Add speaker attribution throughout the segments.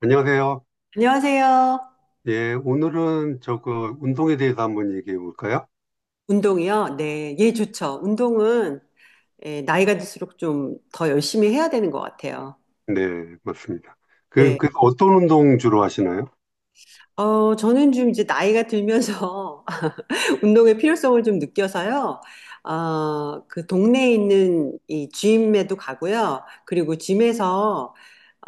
Speaker 1: 안녕하세요.
Speaker 2: 안녕하세요.
Speaker 1: 예, 오늘은 저거 운동에 대해서 한번 얘기해 볼까요?
Speaker 2: 운동이요? 네, 예, 좋죠. 운동은 예, 나이가 들수록 좀 더 열심히 해야 되는 것 같아요.
Speaker 1: 네, 맞습니다. 그,
Speaker 2: 네.
Speaker 1: 그 어떤 운동 주로 하시나요?
Speaker 2: 저는 좀 이제 나이가 들면서 운동의 필요성을 좀 느껴서요. 그 동네에 있는 이 짐에도 가고요. 그리고 짐에서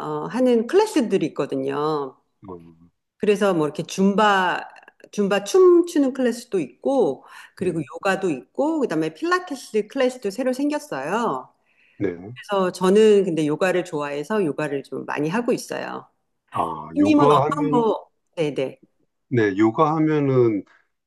Speaker 2: 하는 클래스들이 있거든요.
Speaker 1: 어,
Speaker 2: 그래서 뭐 이렇게 줌바 춤추는 클래스도 있고, 그리고
Speaker 1: 네,
Speaker 2: 요가도 있고, 그다음에 필라테스 클래스도 새로 생겼어요.
Speaker 1: 네.
Speaker 2: 그래서 저는 근데 요가를 좋아해서 요가를 좀 많이 하고 있어요.
Speaker 1: 아,
Speaker 2: 삐님은
Speaker 1: 요가
Speaker 2: 어떤
Speaker 1: 하면,
Speaker 2: 거? 네네.
Speaker 1: 네, 요가 하면은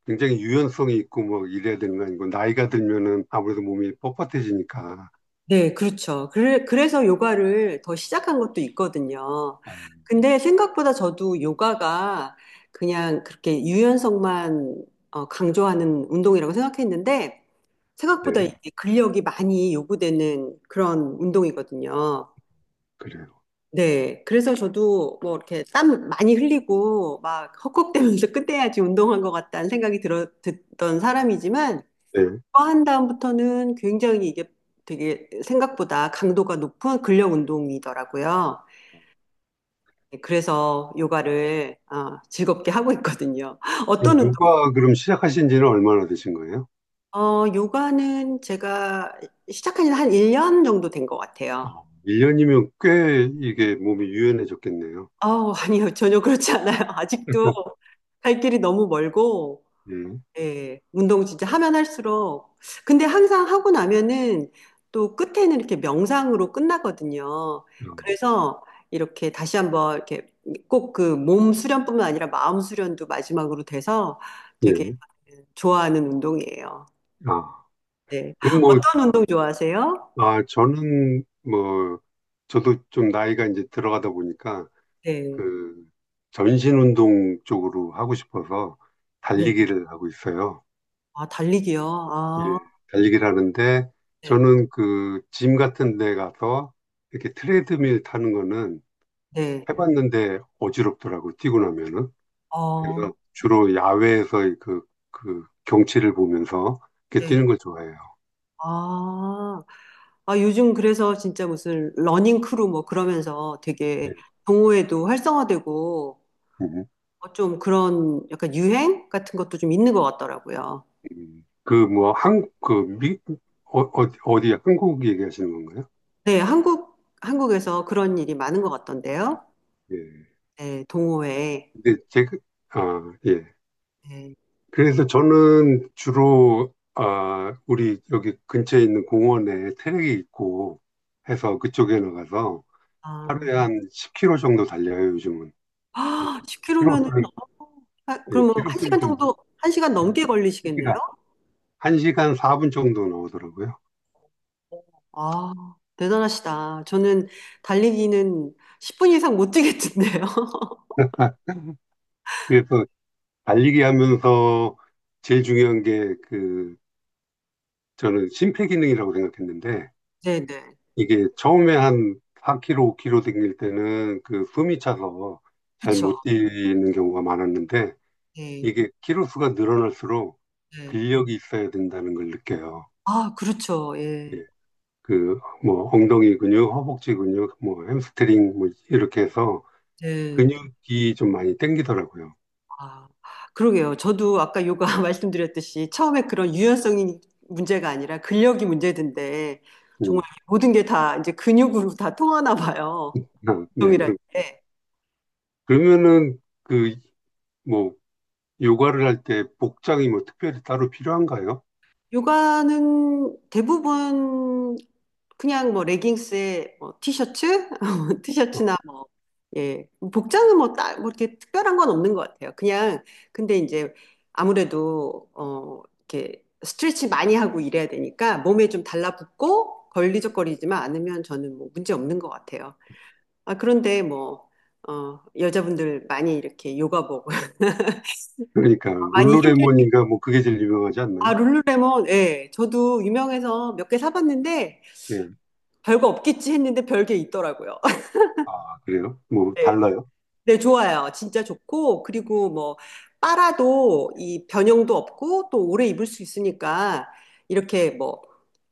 Speaker 1: 굉장히 유연성이 있고 뭐 이래야 되는 거 아니고 나이가 들면은 아무래도 몸이 뻣뻣해지니까.
Speaker 2: 네, 그렇죠. 그래, 그래서 요가를 더 시작한 것도 있거든요.
Speaker 1: 아,
Speaker 2: 근데 생각보다 저도 요가가 그냥 그렇게 유연성만 강조하는 운동이라고 생각했는데 생각보다
Speaker 1: 네,
Speaker 2: 이게 근력이 많이 요구되는 그런 운동이거든요.
Speaker 1: 그래요.
Speaker 2: 네, 그래서 저도 뭐 이렇게 땀 많이 흘리고 막 헉헉대면서 끝내야지 운동한 것 같다는 생각이 듣던 사람이지만
Speaker 1: 네.
Speaker 2: 그거 한 다음부터는 굉장히 이게 되게 생각보다 강도가 높은 근력 운동이더라고요. 네, 그래서 요가를 즐겁게 하고 있거든요. 어떤
Speaker 1: 지금
Speaker 2: 운동?
Speaker 1: 요가 그럼 시작하신 지는 얼마나 되신 거예요?
Speaker 2: 요가는 제가 시작한 지 한 1년 정도 된 것 같아요.
Speaker 1: 아, 1년이면 꽤 이게 몸이 유연해졌겠네요.
Speaker 2: 아니요, 전혀 그렇지 않아요. 아직도 갈 길이 너무 멀고
Speaker 1: 예.
Speaker 2: 예, 운동 진짜 하면 할수록. 근데 항상 하고 나면은 또 끝에는 이렇게 명상으로 끝나거든요.
Speaker 1: 음,
Speaker 2: 그래서 이렇게 다시 한번 이렇게 꼭 그 몸 수련뿐만 아니라 마음 수련도 마지막으로 돼서 되게
Speaker 1: 예.
Speaker 2: 좋아하는 운동이에요.
Speaker 1: 아.
Speaker 2: 네.
Speaker 1: 그럼 뭐,
Speaker 2: 어떤 운동 좋아하세요?
Speaker 1: 아, 저는 뭐, 저도 좀 나이가 이제 들어가다 보니까
Speaker 2: 네.
Speaker 1: 그 전신 운동 쪽으로 하고 싶어서
Speaker 2: 네.
Speaker 1: 달리기를 하고 있어요.
Speaker 2: 아, 달리기요.
Speaker 1: 예,
Speaker 2: 아,
Speaker 1: 달리기를 하는데
Speaker 2: 네.
Speaker 1: 저는 그 짐 같은 데 가서 이렇게 트레드밀 타는 거는 네.
Speaker 2: 네.
Speaker 1: 해봤는데 어지럽더라고, 뛰고 나면은. 그래서
Speaker 2: 어,
Speaker 1: 주로 야외에서 그, 그 경치를 보면서 이렇게
Speaker 2: 네.
Speaker 1: 뛰는 걸 좋아해요.
Speaker 2: 아. 아, 요즘 그래서 진짜 무슨 러닝 크루 뭐 그러면서
Speaker 1: 예.
Speaker 2: 되게 동호회도 활성화되고
Speaker 1: 음.
Speaker 2: 좀 그런 약간 유행 같은 것도 좀 있는 것 같더라고요.
Speaker 1: 음. 그, 뭐, 한, 그, 미, 어, 어, 어디, 한국 얘기하시는 건가요?
Speaker 2: 네, 한국에서 그런 일이 많은 것 같던데요.
Speaker 1: 예.
Speaker 2: 네, 동호회.
Speaker 1: 근데 제가, 아, 예.
Speaker 2: 네.
Speaker 1: 그래서 저는 주로, 아, 우리 여기 근처에 있는 공원에 트랙이 있고 해서 그쪽에 나가서 하루에 한 10km 정도 달려요, 요즘은.
Speaker 2: 아, 10km면은,
Speaker 1: 키로수를, 예,
Speaker 2: 그럼 뭐
Speaker 1: 키로수를
Speaker 2: 1시간
Speaker 1: 좀,
Speaker 2: 정도, 1시간 넘게 걸리시겠네요?
Speaker 1: 1시간, 한 시간 4분 정도 나오더라고요.
Speaker 2: 아, 대단하시다. 저는 달리기는 10분 이상 못 뛰겠던데요.
Speaker 1: 그래서 달리기 하면서 제일 중요한 게그 저는 심폐기능이라고 생각했는데
Speaker 2: 네네.
Speaker 1: 이게 처음에 한 4kg, 5kg 댕길 때는 그 숨이 차서 잘
Speaker 2: 그쵸.
Speaker 1: 못 뛰는 경우가 많았는데
Speaker 2: 네.
Speaker 1: 이게 키로수가 늘어날수록
Speaker 2: 네.
Speaker 1: 근력이 있어야 된다는 걸 느껴요.
Speaker 2: 아, 그렇죠. 예.
Speaker 1: 예, 그 뭐 엉덩이 근육, 허벅지 근육, 뭐 햄스트링 뭐 이렇게 해서
Speaker 2: 네.
Speaker 1: 근육이 좀 많이 땡기더라고요.
Speaker 2: 아, 그러게요. 저도 아까 요가 말씀드렸듯이 처음에 그런 유연성이 문제가 아니라 근력이 문제던데 정말
Speaker 1: 음,
Speaker 2: 모든 게 다 이제 근육으로 다 통하나 봐요.
Speaker 1: 아, 네.
Speaker 2: 운동이라는 게.
Speaker 1: 그러면은 뭐 요가를 할 때 복장이 뭐 특별히 따로 필요한가요?
Speaker 2: 요가는 대부분 그냥 뭐 레깅스에 뭐 티셔츠,
Speaker 1: 어.
Speaker 2: 티셔츠나 뭐 예, 복장은 뭐 딱 뭐 이렇게 특별한 건 없는 것 같아요. 그냥 근데 이제 아무래도 이렇게 스트레치 많이 하고 이래야 되니까 몸에 좀 달라붙고 걸리적거리지만 않으면 저는 뭐 문제 없는 것 같아요. 아 그런데 뭐 여자분들 많이 이렇게 요가복
Speaker 1: 그러니까
Speaker 2: 많이 힘들
Speaker 1: 룰루레몬인가 뭐 그게 제일 유명하지
Speaker 2: 아
Speaker 1: 않나요?
Speaker 2: 룰루레몬 예 저도 유명해서 몇 개 사봤는데
Speaker 1: 예.
Speaker 2: 별거 없겠지 했는데 별게 있더라고요.
Speaker 1: 아, 그래요? 뭐
Speaker 2: 네.
Speaker 1: 달라요?
Speaker 2: 네, 좋아요. 진짜 좋고, 그리고 뭐, 빨아도 이 변형도 없고, 또 오래 입을 수 있으니까, 이렇게 뭐,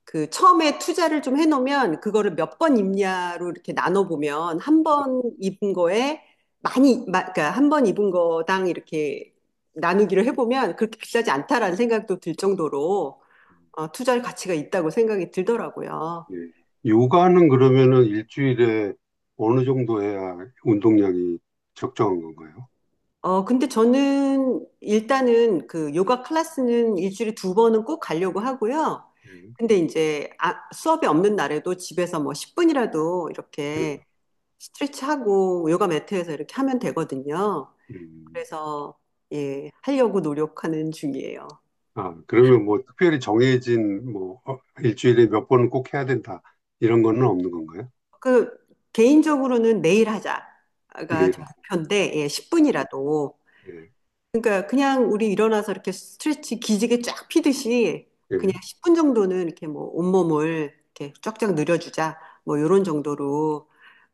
Speaker 2: 그 처음에 투자를 좀 해놓으면, 그거를 몇 번 입냐로 이렇게 나눠보면, 한 번 입은 거에 그러니까 한 번 입은 거당 이렇게 나누기를 해보면, 그렇게 비싸지 않다라는 생각도 들 정도로, 투자할 가치가 있다고 생각이 들더라고요.
Speaker 1: 예. 요가는 그러면은 일주일에 어느 정도 해야 운동량이 적정한 건가요?
Speaker 2: 근데 저는 일단은 그 요가 클래스는 일주일에 두 번은 꼭 가려고 하고요.
Speaker 1: 예.
Speaker 2: 근데 이제 수업이 없는 날에도 집에서 뭐 10분이라도
Speaker 1: 예.
Speaker 2: 이렇게 스트레치하고 요가 매트에서 이렇게 하면 되거든요.
Speaker 1: 음.
Speaker 2: 그래서 예, 하려고 노력하는 중이에요.
Speaker 1: 아, 그러면 뭐 특별히 정해진 뭐 어, 일주일에 몇 번은 꼭 해야 된다 이런 거는 없는 건가요?
Speaker 2: 그 개인적으로는 매일 하자가 저
Speaker 1: 매일.
Speaker 2: 목표인데 예, 10분이라도
Speaker 1: 예.
Speaker 2: 그러니까 그냥 우리 일어나서 이렇게 스트레치 기지개 쫙 피듯이 그냥
Speaker 1: 예.
Speaker 2: 10분 정도는 이렇게 뭐 온몸을 이렇게 쫙쫙 늘려주자. 뭐 요런 정도로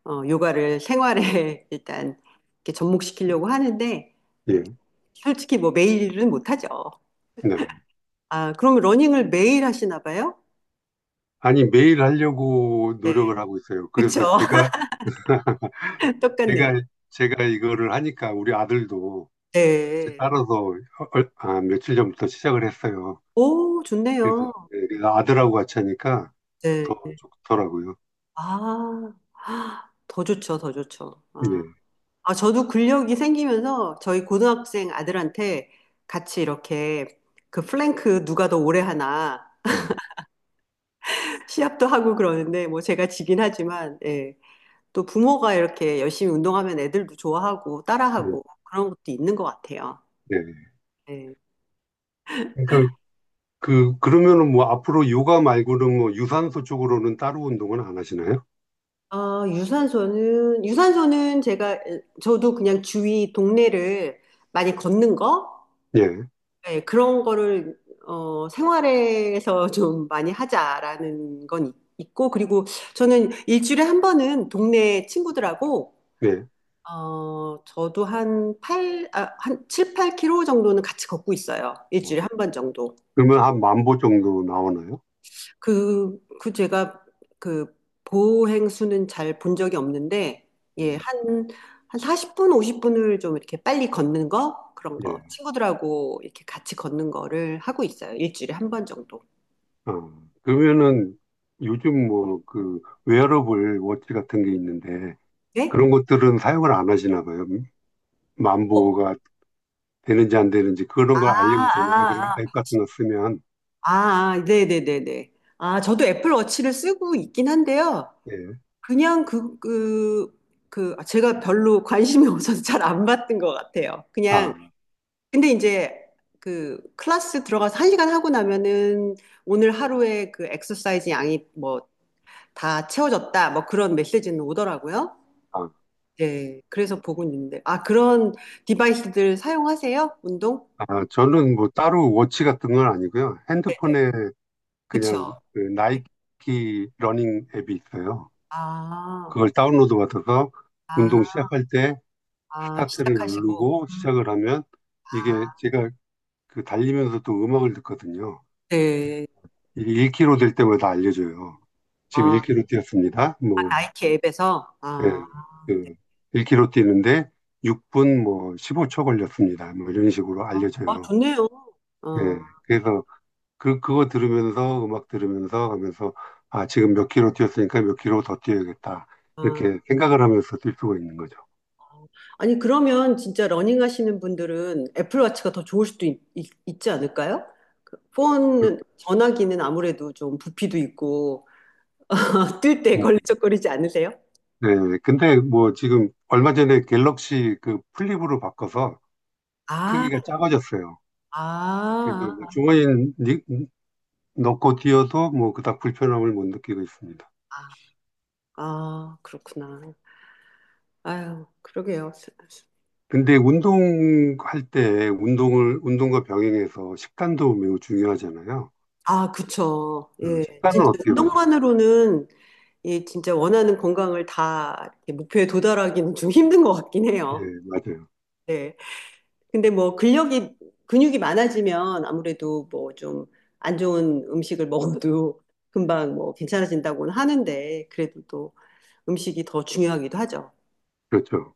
Speaker 2: 요가를 생활에 일단 이렇게 접목시키려고 하는데 예,
Speaker 1: 예.
Speaker 2: 솔직히 뭐 매일은 못하죠.
Speaker 1: 네.
Speaker 2: 아, 그럼 러닝을 매일 하시나 봐요?
Speaker 1: 아니 매일 하려고
Speaker 2: 네.
Speaker 1: 노력을 하고 있어요.
Speaker 2: 그쵸.
Speaker 1: 그래서
Speaker 2: 똑같네요.
Speaker 1: 제가 제가 이거를 하니까 우리 아들도
Speaker 2: 네.
Speaker 1: 따라서 아, 며칠 전부터 시작을 했어요.
Speaker 2: 오,
Speaker 1: 그래서
Speaker 2: 좋네요.
Speaker 1: 내가 아들하고 같이 하니까 더
Speaker 2: 네.
Speaker 1: 좋더라고요.
Speaker 2: 아, 더 좋죠, 더 좋죠. 아.
Speaker 1: 예.
Speaker 2: 아, 저도 근력이 생기면서 저희 고등학생 아들한테 같이 이렇게 그 플랭크 누가 더 오래 하나
Speaker 1: 어,
Speaker 2: 시합도 하고 그러는데 뭐 제가 지긴 하지만 예. 또 부모가 이렇게 열심히 운동하면 애들도 좋아하고
Speaker 1: 예.
Speaker 2: 따라하고 그런 것도 있는 것 같아요.
Speaker 1: 예.
Speaker 2: 예.
Speaker 1: 그러니까 그러면은 뭐 앞으로 요가 말고는 뭐 유산소 쪽으로는 따로 운동은 안 하시나요?
Speaker 2: 아, 유산소는 제가 저도 그냥 주위 동네를 많이 걷는 거
Speaker 1: 예.
Speaker 2: 네, 그런 거를 생활에서 좀 많이 하자라는 건 있고, 그리고 저는 일주일에 한 번은 동네 친구들하고,
Speaker 1: 예.
Speaker 2: 저도 한 7, 8킬로 정도는 같이 걷고 있어요. 일주일에
Speaker 1: 어.
Speaker 2: 한 번 정도.
Speaker 1: 그러면 한 만보 정도 나오나요?
Speaker 2: 그, 그 제가 그 보행수는 잘 본 적이 없는데, 예,
Speaker 1: 음.
Speaker 2: 한 40분, 50분을 좀 이렇게 빨리 걷는 거, 그런 거,
Speaker 1: 예.
Speaker 2: 친구들하고 이렇게 같이 걷는 거를 하고 있어요. 일주일에 한 번 정도.
Speaker 1: 어. 그러면은 요즘 뭐 그 웨어러블 워치 같은 게 있는데
Speaker 2: 네?
Speaker 1: 그런 것들은 사용을 안 하시나 봐요.
Speaker 2: 어,
Speaker 1: 만보가 되는지 안 되는지 그런 걸
Speaker 2: 아,
Speaker 1: 알려주잖아요. 그런 앱
Speaker 2: 아,
Speaker 1: 같은 거 쓰면.
Speaker 2: 아, 네네네네. 아, 저도 애플워치를 쓰고 있긴 한데요.
Speaker 1: 예.
Speaker 2: 그냥 제가 별로 관심이 없어서 잘 안 봤던 것 같아요. 그냥,
Speaker 1: 아,
Speaker 2: 근데 이제 그 클래스 들어가서 한 시간 하고 나면은 오늘 하루에 그 엑서사이즈 양이 뭐 다 채워졌다. 뭐 그런 메시지는 오더라고요.
Speaker 1: 아,
Speaker 2: 네. 그래서 보고 있는데. 아, 그런 디바이스들 사용하세요? 운동?
Speaker 1: 아, 저는 뭐 따로 워치 같은 건 아니고요.
Speaker 2: 네, 네.
Speaker 1: 핸드폰에 그냥
Speaker 2: 그쵸.
Speaker 1: 그
Speaker 2: 네.
Speaker 1: 나이키 러닝 앱이 있어요.
Speaker 2: 아.
Speaker 1: 그걸 다운로드 받아서
Speaker 2: 아,
Speaker 1: 운동 시작할 때
Speaker 2: 아,
Speaker 1: 스타트를
Speaker 2: 시작하시고.
Speaker 1: 누르고
Speaker 2: 음.
Speaker 1: 시작을 하면
Speaker 2: 아,
Speaker 1: 이게 제가 그 달리면서도 음악을 듣거든요.
Speaker 2: 네.
Speaker 1: 이게 1km 될 때마다 알려줘요. 지금
Speaker 2: 아,
Speaker 1: 1km 뛰었습니다.
Speaker 2: 아,
Speaker 1: 뭐
Speaker 2: 나이키 앱에서. 아,
Speaker 1: 예, 그 1km 뛰는데 6분 뭐 15초 걸렸습니다. 뭐 이런 식으로
Speaker 2: 아,
Speaker 1: 알려져요.
Speaker 2: 좋네요. 어,
Speaker 1: 예, 그래서 그 그거 들으면서 음악 들으면서 하면서 아 지금 몇 킬로 뛰었으니까 몇 킬로 더 뛰어야겠다
Speaker 2: 아.
Speaker 1: 이렇게 생각을 하면서 뛸 수가 있는 거죠.
Speaker 2: 아니, 그러면 진짜 러닝 하시는 분들은 애플워치가 더 좋을 수도 있지 않을까요? 그 전화기는 아무래도 좀 부피도 있고, 뜰 때
Speaker 1: 뭐,
Speaker 2: 걸리적거리지 않으세요?
Speaker 1: 예, 근데 뭐 지금 얼마 전에 갤럭시 그 플립으로 바꿔서
Speaker 2: 아,
Speaker 1: 크기가 작아졌어요. 그래서
Speaker 2: 아,
Speaker 1: 뭐 주머니 넣고 뛰어도 뭐 그닥 불편함을 못 느끼고 있습니다.
Speaker 2: 아, 아, 그렇구나. 아유, 그러게요.
Speaker 1: 근데 운동할 때 운동을 운동과 병행해서 식단도 매우 중요하잖아요.
Speaker 2: 아, 그쵸. 예.
Speaker 1: 식단은
Speaker 2: 진짜
Speaker 1: 어떻게 관리해요?
Speaker 2: 운동만으로는 이 진짜 원하는 건강을 다 이렇게 목표에 도달하기는 좀 힘든 것 같긴
Speaker 1: 예,
Speaker 2: 해요.
Speaker 1: 맞아요.
Speaker 2: 네. 근데 뭐 근육이 많아지면 아무래도 뭐 좀 안 좋은 음식을 먹어도 금방 뭐 괜찮아진다고는 하는데 그래도 또 음식이 더 중요하기도 하죠.
Speaker 1: 그렇죠.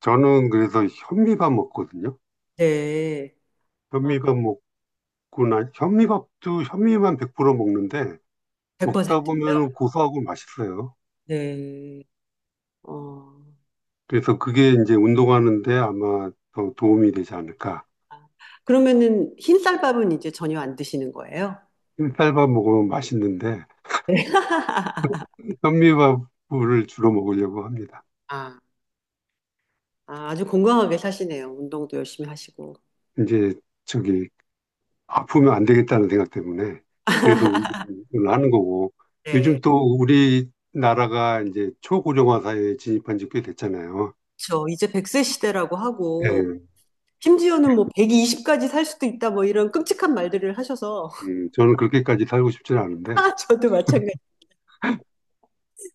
Speaker 1: 저는 그래서 현미밥 먹거든요.
Speaker 2: 네. 아,
Speaker 1: 현미밥 먹고 나 현미밥도 현미만 100% 먹는데 먹다
Speaker 2: 100%.
Speaker 1: 보면 고소하고 맛있어요.
Speaker 2: 네. 어.
Speaker 1: 그래서 그게 이제 운동하는데 아마 더 도움이 되지 않을까.
Speaker 2: 그러면은 흰쌀밥은 이제 전혀 안 드시는 거예요?
Speaker 1: 흰쌀밥 먹으면 맛있는데
Speaker 2: 네.
Speaker 1: 현미밥을 주로 먹으려고 합니다.
Speaker 2: 아, 아, 아주 건강하게 사시네요. 운동도 열심히 하시고.
Speaker 1: 이제 저기 아프면 안 되겠다는 생각 때문에 그래서 운동을 하는 거고
Speaker 2: 네.
Speaker 1: 요즘 또 우리나라가 이제 초고령화 사회에 진입한 지 꽤 됐잖아요.
Speaker 2: 그렇죠. 이제 100세 시대라고
Speaker 1: 예,
Speaker 2: 하고 심지어는 뭐 120까지 살 수도 있다 뭐 이런 끔찍한 말들을 하셔서
Speaker 1: 저는 그렇게까지 살고 싶지는 않은데
Speaker 2: 아, 저도 마찬가지.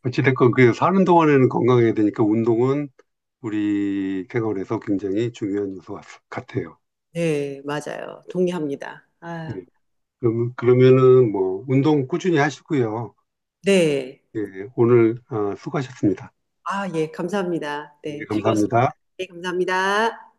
Speaker 1: 어찌됐건 그 사는 동안에는 건강해야 되니까 운동은 우리 생활에서 굉장히 중요한 요소 같아요.
Speaker 2: 네, 맞아요. 동의합니다. 아,
Speaker 1: 예, 그럼, 그러면은 뭐 운동 꾸준히 하시고요.
Speaker 2: 네.
Speaker 1: 예, 오늘 아, 수고하셨습니다.
Speaker 2: 아, 예, 감사합니다. 네,
Speaker 1: 예,
Speaker 2: 즐거웠습니다.
Speaker 1: 감사합니다.
Speaker 2: 네, 감사합니다.